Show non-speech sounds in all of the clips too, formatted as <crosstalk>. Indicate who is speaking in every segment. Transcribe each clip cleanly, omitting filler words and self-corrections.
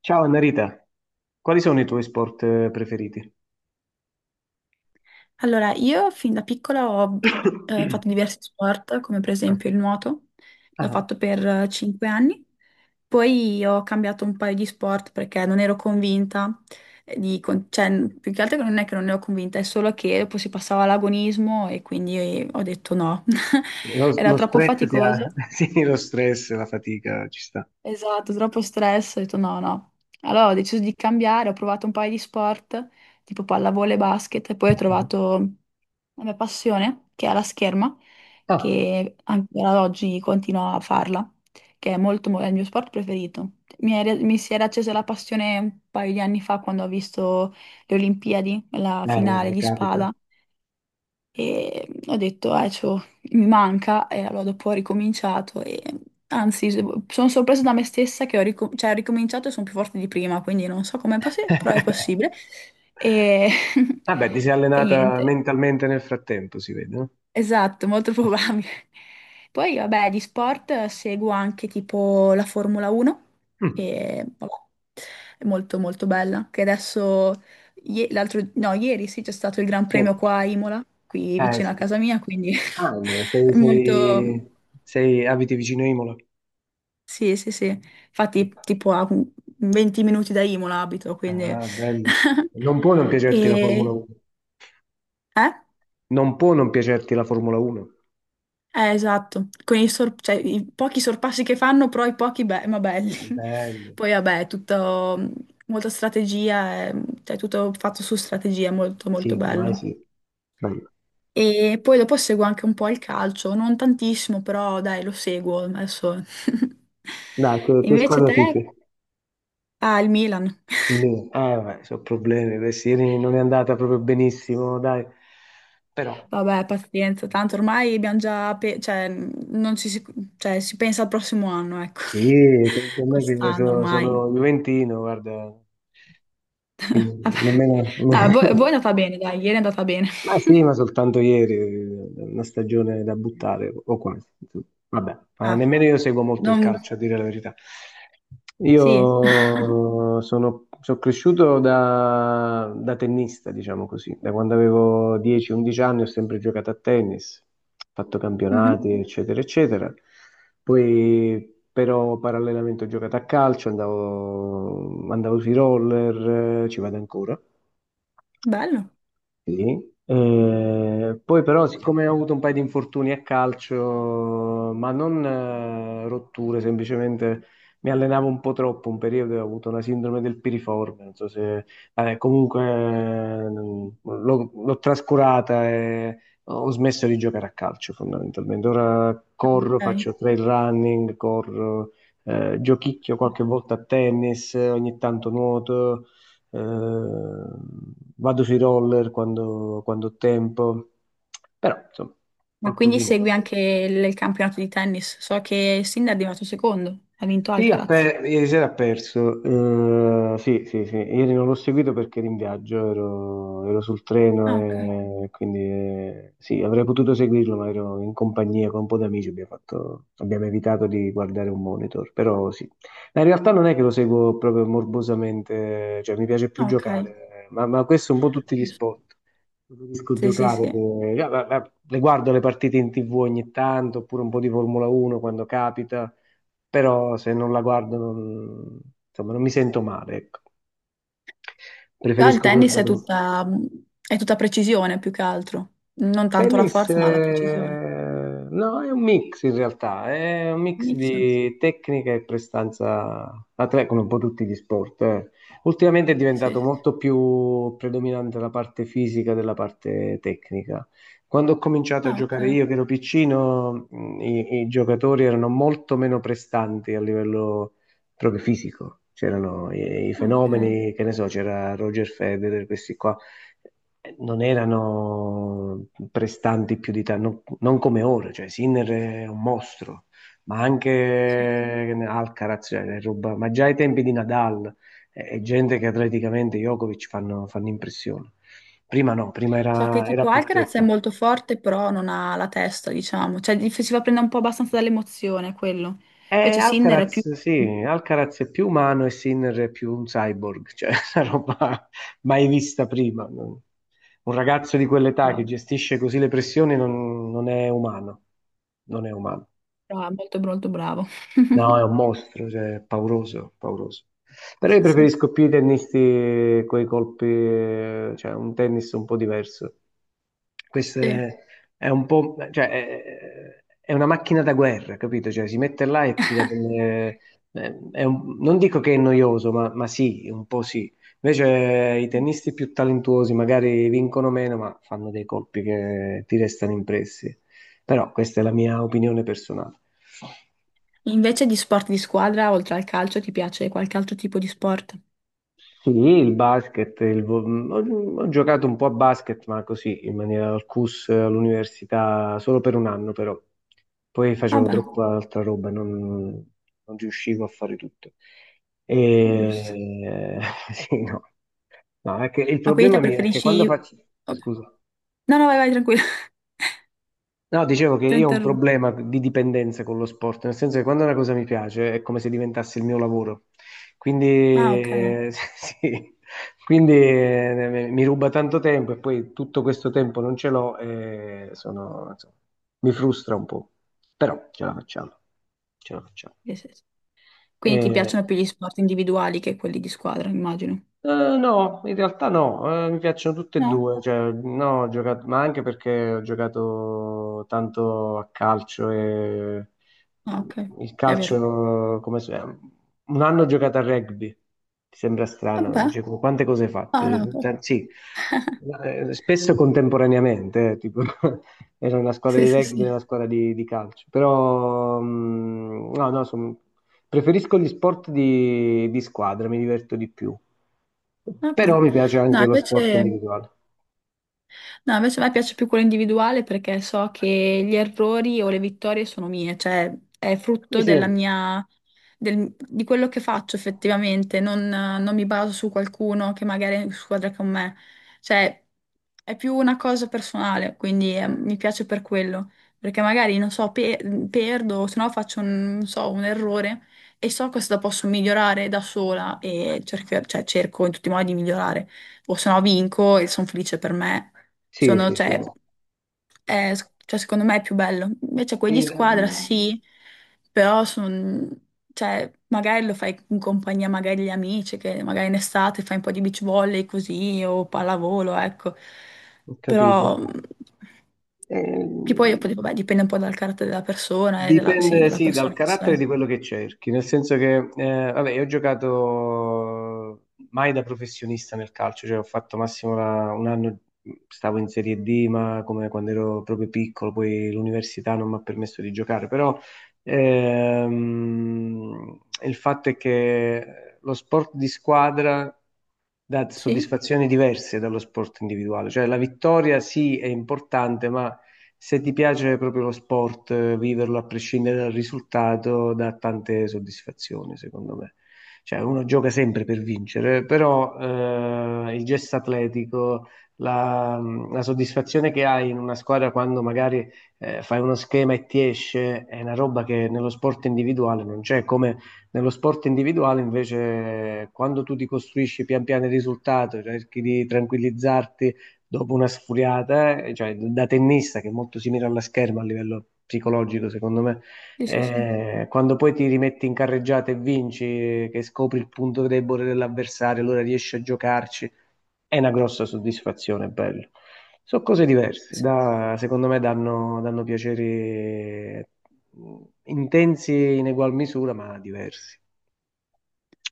Speaker 1: Ciao Annarita, quali sono i tuoi sport preferiti?
Speaker 2: Allora, io fin da piccola ho
Speaker 1: <coughs>
Speaker 2: fatto diversi sport, come per esempio il
Speaker 1: <clears throat>
Speaker 2: nuoto,
Speaker 1: Ah,
Speaker 2: l'ho fatto
Speaker 1: ah.
Speaker 2: per 5 anni, poi ho cambiato un paio di sport perché non ero convinta, di con- cioè, n- più che altro che non è che non ne ero convinta, è solo che dopo si passava all'agonismo e quindi ho detto no,
Speaker 1: Boh. lo,
Speaker 2: <laughs> era
Speaker 1: lo
Speaker 2: troppo
Speaker 1: stress ti ha...
Speaker 2: faticoso,
Speaker 1: <laughs> Sì, lo stress, la fatica, ci sta.
Speaker 2: esatto, troppo stress, ho detto no, no. Allora ho deciso di cambiare, ho provato un paio di sport, tipo pallavolo e basket, e poi ho
Speaker 1: Mhm.
Speaker 2: trovato la mia passione, che è la scherma,
Speaker 1: Ah.
Speaker 2: che ancora ad oggi continuo a farla, che è è il mio sport preferito. Mi si era accesa la passione un paio di anni fa quando ho visto le Olimpiadi, la finale
Speaker 1: Vabbè,
Speaker 2: di
Speaker 1: capita.
Speaker 2: spada, e ho detto, mi manca, e allora dopo ho ricominciato, e anzi, sono sorpresa da me stessa che ho ricominciato e sono più forte di prima, quindi non so com'è possibile, però è
Speaker 1: <laughs>
Speaker 2: possibile. E, <laughs>
Speaker 1: Vabbè, ti sei
Speaker 2: e
Speaker 1: allenata
Speaker 2: niente.
Speaker 1: mentalmente nel frattempo, si vede, no?
Speaker 2: Esatto, molto <laughs> probabile. Poi, vabbè, di sport seguo anche tipo la Formula 1,
Speaker 1: Mm.
Speaker 2: che vabbè, è molto molto bella, che adesso, ie- l'altro, no, ieri sì, c'è stato il Gran
Speaker 1: Sì.
Speaker 2: Premio qua a Imola, qui vicino
Speaker 1: Sì.
Speaker 2: a
Speaker 1: Sì.
Speaker 2: casa mia, quindi
Speaker 1: Ah, no,
Speaker 2: <laughs> è molto...
Speaker 1: Abiti vicino a Imola?
Speaker 2: Sì, sì, sì.
Speaker 1: Sì.
Speaker 2: Infatti, tipo a 20 minuti da Imola abito, quindi...
Speaker 1: Ah, bello.
Speaker 2: <laughs>
Speaker 1: Non può non piacerti la Formula
Speaker 2: E...
Speaker 1: 1.
Speaker 2: Eh?
Speaker 1: Non può non piacerti la Formula 1.
Speaker 2: Esatto, con i, sor- cioè, i pochi sorpassi che fanno, però i pochi ma belli.
Speaker 1: Bello.
Speaker 2: <laughs> Poi vabbè, è tutto molta strategia, cioè tutto fatto su strategia, è molto molto
Speaker 1: Sì, ormai
Speaker 2: bello.
Speaker 1: sì. Dai,
Speaker 2: E poi dopo seguo anche un po' il calcio, non tantissimo, però dai, lo seguo adesso.
Speaker 1: dai,
Speaker 2: <laughs>
Speaker 1: che
Speaker 2: Invece
Speaker 1: squadra
Speaker 2: te?
Speaker 1: tifi?
Speaker 2: Ah, il Milan. <laughs>
Speaker 1: Inter. Vabbè, sono problemi. Questi ieri non è andata proprio benissimo, dai. Però,
Speaker 2: Vabbè, pazienza, tanto ormai abbiamo già, pe- cioè, non ci si, cioè, si pensa al prossimo anno, ecco.
Speaker 1: sì, penso a
Speaker 2: <laughs>
Speaker 1: me che
Speaker 2: Quest'anno
Speaker 1: sono
Speaker 2: ormai.
Speaker 1: Juventino, guarda. Quindi,
Speaker 2: Vabbè.
Speaker 1: nemmeno.
Speaker 2: No, a voi è
Speaker 1: <laughs>
Speaker 2: andata bene, dai, ieri è andata bene.
Speaker 1: Ma sì, ma
Speaker 2: <laughs>
Speaker 1: soltanto ieri, una stagione da buttare, o quasi, insomma. Vabbè, ma
Speaker 2: Ah,
Speaker 1: nemmeno io seguo molto il
Speaker 2: non...
Speaker 1: calcio, a dire la verità.
Speaker 2: Sì.
Speaker 1: Io sono cresciuto da tennista, diciamo così. Da quando avevo
Speaker 2: <laughs>
Speaker 1: 10-11 anni ho sempre giocato a tennis, fatto
Speaker 2: Mhm.
Speaker 1: campionati, eccetera, eccetera. Poi però parallelamente ho giocato a calcio, andavo sui roller, ci vado ancora.
Speaker 2: Bello.
Speaker 1: Sì. Poi però, siccome ho avuto un paio di infortuni a calcio, ma non rotture, semplicemente mi allenavo un po' troppo, un periodo e ho avuto una sindrome del piriforme, non so se. Vabbè, comunque l'ho trascurata e ho smesso di giocare a calcio fondamentalmente. Ora corro,
Speaker 2: Ok.
Speaker 1: faccio trail running, corro, giochicchio qualche volta a tennis, ogni tanto nuoto eh, vado sui roller quando, quando ho tempo, però insomma,
Speaker 2: Ma quindi
Speaker 1: qualcosina.
Speaker 2: segui anche il campionato di tennis? So che Sinner è arrivato secondo, ha vinto
Speaker 1: Sì, ha
Speaker 2: Alcaraz.
Speaker 1: ieri sera ha perso. Sì, sì, sì. Ieri non l'ho seguito perché ero in viaggio, ero sul
Speaker 2: Ah, ok.
Speaker 1: treno e quindi sì, avrei potuto seguirlo, ma ero in compagnia con un po' di amici, abbiamo evitato di guardare un monitor, però sì. Ma in realtà non è che lo seguo proprio morbosamente, cioè mi piace più
Speaker 2: Ah, ok,
Speaker 1: giocare, ma questo è un po' tutti gli
Speaker 2: giusto.
Speaker 1: sport. Preferisco
Speaker 2: Sì, sì,
Speaker 1: giocare,
Speaker 2: sì.
Speaker 1: le guardo le partite in TV ogni tanto, oppure un po' di Formula 1 quando capita, però se non la guardo non, insomma, non mi sento male, ecco.
Speaker 2: Però il
Speaker 1: Preferisco
Speaker 2: tennis è
Speaker 1: guardarlo.
Speaker 2: è tutta precisione più che altro, non tanto la
Speaker 1: Tennis,
Speaker 2: forza ma la precisione.
Speaker 1: no, è un mix in realtà, è un mix
Speaker 2: Mix.
Speaker 1: di tecnica e prestanza atleta, come un po' tutti gli sport. Ultimamente è
Speaker 2: Sì, sì,
Speaker 1: diventato
Speaker 2: sì.
Speaker 1: molto più predominante la parte fisica della parte tecnica. Quando ho cominciato a
Speaker 2: Ah,
Speaker 1: giocare
Speaker 2: ok.
Speaker 1: io, che ero piccino, i giocatori erano molto meno prestanti a livello proprio fisico. C'erano i
Speaker 2: Ah, ok.
Speaker 1: fenomeni, che ne so, c'era Roger Federer, questi qua non erano prestanti più di tanto, non come ora, cioè Sinner è un mostro, ma
Speaker 2: Sì.
Speaker 1: anche Alcaraz, cioè, ma già ai tempi di Nadal è gente che atleticamente Djokovic fanno impressione. Prima no, prima
Speaker 2: So che
Speaker 1: era
Speaker 2: tipo
Speaker 1: più
Speaker 2: Alcaraz è
Speaker 1: tecnico.
Speaker 2: molto forte, però non ha la testa, diciamo. Cioè, gli faceva prendere un po' abbastanza dall'emozione quello. Invece Sinner è più...
Speaker 1: Alcaraz, sì, Alcaraz è più umano e Sinner è più un cyborg, cioè <laughs> una roba mai vista prima. Un ragazzo di quell'età che
Speaker 2: Bravo,
Speaker 1: gestisce così le pressioni non è umano, non è umano.
Speaker 2: molto, molto bravo.
Speaker 1: No, è
Speaker 2: <laughs>
Speaker 1: un mostro, cioè, è pauroso, pauroso. Però io
Speaker 2: Sì, sì,
Speaker 1: preferisco più i tennisti con i colpi, cioè un tennis un po' diverso. Questo
Speaker 2: sì.
Speaker 1: è un po', cioè, è una macchina da guerra, capito? Cioè, si mette là e tira delle. Non dico che è noioso, ma sì, un po' sì. Invece i
Speaker 2: Sì.
Speaker 1: tennisti più talentuosi magari vincono meno, ma fanno dei colpi che ti restano impressi. Però questa è la mia opinione personale.
Speaker 2: Invece di sport di squadra, oltre al calcio, ti piace qualche altro tipo di sport?
Speaker 1: Sì, il basket, ho giocato un po' a basket, ma così, in maniera al CUS, all'università, solo per un anno però. Poi facevo
Speaker 2: Vabbè,
Speaker 1: troppa altra roba, non riuscivo a fare tutto.
Speaker 2: giusto.
Speaker 1: E... <laughs> Sì, no. No, è che il
Speaker 2: Ma quindi
Speaker 1: problema
Speaker 2: te
Speaker 1: mio è che quando
Speaker 2: preferisci...
Speaker 1: faccio...
Speaker 2: Ok.
Speaker 1: Scusa.
Speaker 2: No, no, vai, vai, tranquilla. <laughs>
Speaker 1: No, dicevo che
Speaker 2: Ti
Speaker 1: io ho un
Speaker 2: interrompo.
Speaker 1: problema di dipendenza con lo sport, nel senso che quando una cosa mi piace è come se diventasse il mio lavoro. Quindi,
Speaker 2: Ah, ok.
Speaker 1: <laughs> sì, quindi mi ruba tanto tempo e poi tutto questo tempo non ce l'ho e sono, insomma, mi frustra un po'. Però ce la facciamo, ce la facciamo.
Speaker 2: Sì, sì, sì. Quindi ti
Speaker 1: Eh,
Speaker 2: piacciono più gli sport individuali che quelli di squadra, immagino.
Speaker 1: Eh, no, in realtà no, mi piacciono tutte e
Speaker 2: No?
Speaker 1: due, cioè, no, ho giocato, ma anche perché ho giocato tanto a calcio e
Speaker 2: Ah, ok.
Speaker 1: il
Speaker 2: È vero.
Speaker 1: calcio, come se- un anno ho giocato a rugby, ti sembra strano,
Speaker 2: Vabbè,
Speaker 1: dice, quante cose hai fatto?
Speaker 2: no, no,
Speaker 1: Sì, spesso contemporaneamente, tipo, <laughs> era una squadra
Speaker 2: sì,
Speaker 1: di
Speaker 2: sì,
Speaker 1: rugby e una
Speaker 2: sì.
Speaker 1: squadra di calcio, però no, no, preferisco gli sport di squadra, mi diverto di più. Però
Speaker 2: Vabbè.
Speaker 1: mi piace
Speaker 2: No,
Speaker 1: anche lo sport
Speaker 2: invece,
Speaker 1: individuale.
Speaker 2: No, invece a me piace più quello individuale perché so che gli errori o le vittorie sono mie, cioè è
Speaker 1: Sì,
Speaker 2: frutto
Speaker 1: sì,
Speaker 2: di quello che faccio effettivamente, non mi baso su qualcuno che magari è in squadra con me, cioè è più una cosa personale, quindi mi piace per quello, perché magari non so, perdo, o se no faccio un, non so, un errore e so cosa posso migliorare da sola e cerco, cioè, cerco in tutti i modi di migliorare, o se no vinco e sono felice per me
Speaker 1: sì,
Speaker 2: sono,
Speaker 1: sì, sì.
Speaker 2: cioè, è- cioè, secondo me è più bello. Invece quelli di
Speaker 1: Sì,
Speaker 2: squadra sì, però sono, cioè, magari lo fai in compagnia magari degli amici, che magari in estate fai un po' di beach volley così o pallavolo, ecco.
Speaker 1: ho capito.
Speaker 2: Però che poi,
Speaker 1: Ehm,
Speaker 2: vabbè, dipende un po' dal carattere della persona e
Speaker 1: Dipende,
Speaker 2: della
Speaker 1: sì, dal
Speaker 2: persona in
Speaker 1: carattere
Speaker 2: sé.
Speaker 1: di quello che cerchi, nel senso che, vabbè, io ho giocato mai da professionista nel calcio, cioè ho fatto massimo un anno, stavo in Serie D, ma come quando ero proprio piccolo, poi l'università non mi ha permesso di giocare, però il fatto è che lo sport di squadra dà
Speaker 2: Sì,
Speaker 1: soddisfazioni diverse dallo sport individuale, cioè la vittoria sì è importante, ma se ti piace proprio lo sport, viverlo a prescindere dal risultato dà tante soddisfazioni, secondo me. Cioè, uno gioca sempre per vincere, però il gesto atletico, la, la soddisfazione che hai in una squadra quando magari fai uno schema e ti esce, è una roba che nello sport individuale non c'è, come nello sport individuale invece quando tu ti costruisci pian piano il risultato, cerchi di tranquillizzarti dopo una sfuriata, cioè da tennista che è molto simile alla scherma a livello psicologico, secondo me,
Speaker 2: sì, sì,
Speaker 1: quando poi ti rimetti in carreggiata e vinci, che scopri il punto debole dell'avversario, allora riesci a giocarci, è una grossa soddisfazione, è bello. Sono cose diverse,
Speaker 2: sì.
Speaker 1: secondo me danno piaceri intensi in egual misura, ma diversi.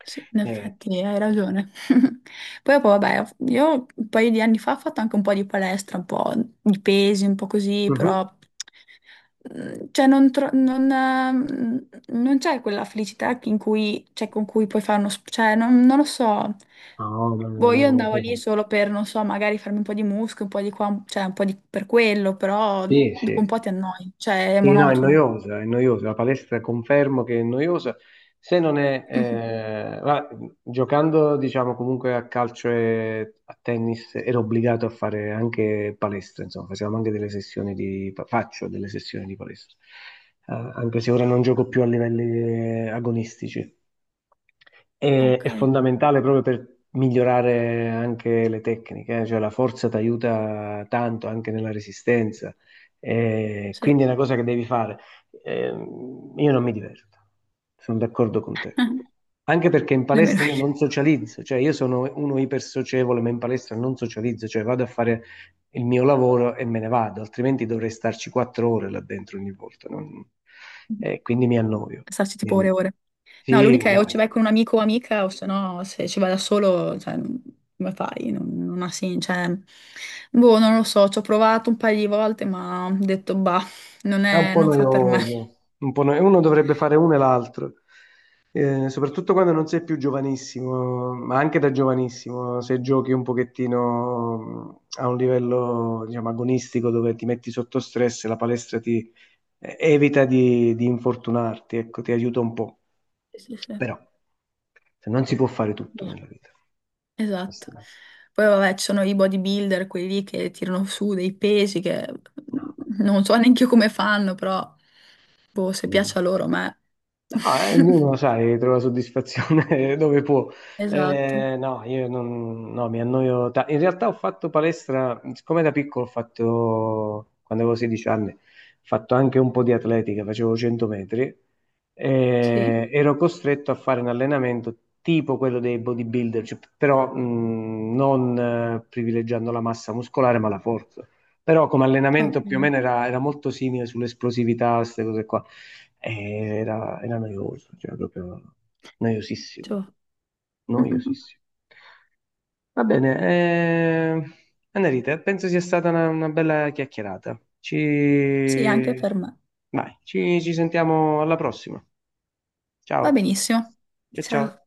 Speaker 2: Sì, in
Speaker 1: Eh,
Speaker 2: effetti hai ragione. <laughs> Poi, poi, vabbè, io un paio di anni fa ho fatto anche un po' di palestra, un po' di pesi, un po' così, però
Speaker 1: mhm.
Speaker 2: mm, cioè, non, tro- non, non c'è quella felicità in cui, cioè, con cui puoi fare uno... Cioè, non lo so.
Speaker 1: No, no, no,
Speaker 2: Boh,
Speaker 1: no,
Speaker 2: io
Speaker 1: no,
Speaker 2: andavo lì
Speaker 1: no.
Speaker 2: solo per, non so, magari farmi un po' di muscolo, un po' di qua, cioè un po' di, per quello, però
Speaker 1: Sì,
Speaker 2: dopo un
Speaker 1: sì.
Speaker 2: po' ti annoi, cioè è
Speaker 1: Sì, no,
Speaker 2: monotono.
Speaker 1: è noiosa, la palestra confermo che è noiosa, se non è,
Speaker 2: <laughs>
Speaker 1: giocando diciamo comunque a calcio e a tennis ero obbligato a fare anche palestra, insomma, facevamo anche delle sessioni di, faccio delle sessioni di palestra. Anche se ora non gioco più a livelli agonistici.
Speaker 2: Ah,
Speaker 1: È
Speaker 2: ok,
Speaker 1: fondamentale proprio per migliorare anche le tecniche, cioè la forza ti aiuta tanto anche nella resistenza,
Speaker 2: sì.
Speaker 1: quindi è una cosa che devi fare. Io non mi diverto, sono d'accordo con te.
Speaker 2: <laughs>
Speaker 1: Anche perché in
Speaker 2: Nemmeno
Speaker 1: palestra io
Speaker 2: io.
Speaker 1: non socializzo, cioè io sono uno ipersocievole, ma in palestra non socializzo, cioè vado a fare il mio lavoro e me ne vado, altrimenti dovrei starci 4 ore là dentro ogni volta. Quindi mi annoio.
Speaker 2: Starci
Speaker 1: Mi
Speaker 2: tipo ore e
Speaker 1: an-
Speaker 2: ore. No,
Speaker 1: Sì,
Speaker 2: l'unica è o ci
Speaker 1: guarda.
Speaker 2: vai con un amico o amica, o se no, se ci vai da solo, cioè, come fai? Non, non ha cioè, boh, non lo so, ci ho provato un paio di volte, ma ho detto, bah, non
Speaker 1: È un
Speaker 2: è,
Speaker 1: po'
Speaker 2: non fa per me.
Speaker 1: noioso, un po' noioso. Uno dovrebbe fare uno e l'altro, soprattutto quando non sei più giovanissimo, ma anche da giovanissimo, se giochi un pochettino a un livello, diciamo, agonistico dove ti metti sotto stress, la palestra ti evita di infortunarti, ecco, ti aiuta un po'.
Speaker 2: Sì, sì, sì.
Speaker 1: Però se non si può fare tutto
Speaker 2: Boh,
Speaker 1: nella vita.
Speaker 2: esatto.
Speaker 1: Questo- è-
Speaker 2: Poi vabbè, ci sono i bodybuilder, quelli lì che tirano su dei pesi che
Speaker 1: No,
Speaker 2: mhmm, non so neanche io come fanno, però, boh, se
Speaker 1: vabbè.
Speaker 2: piace a loro, a me.
Speaker 1: No, ognuno,
Speaker 2: <laughs>
Speaker 1: sai, trova soddisfazione <laughs> dove può.
Speaker 2: Esatto.
Speaker 1: No, io non, no, mi annoio. In realtà ho fatto palestra, siccome da piccolo ho fatto, quando avevo 16 anni, ho fatto anche un po' di atletica, facevo 100 metri,
Speaker 2: Sì?
Speaker 1: ero costretto a fare un allenamento tipo quello dei bodybuilder, cioè, però non privilegiando la massa muscolare, ma la forza. Però come
Speaker 2: Ok,
Speaker 1: allenamento più o meno era molto simile sull'esplosività, queste cose qua. Era noioso, cioè proprio noiosissimo,
Speaker 2: ciao. <laughs>
Speaker 1: noiosissimo. Va bene, Annalita, penso sia stata una bella chiacchierata.
Speaker 2: Sì, anche per me.
Speaker 1: Vai, ci sentiamo alla prossima. Ciao,
Speaker 2: Va benissimo.
Speaker 1: ciao
Speaker 2: Ciao.
Speaker 1: ciao.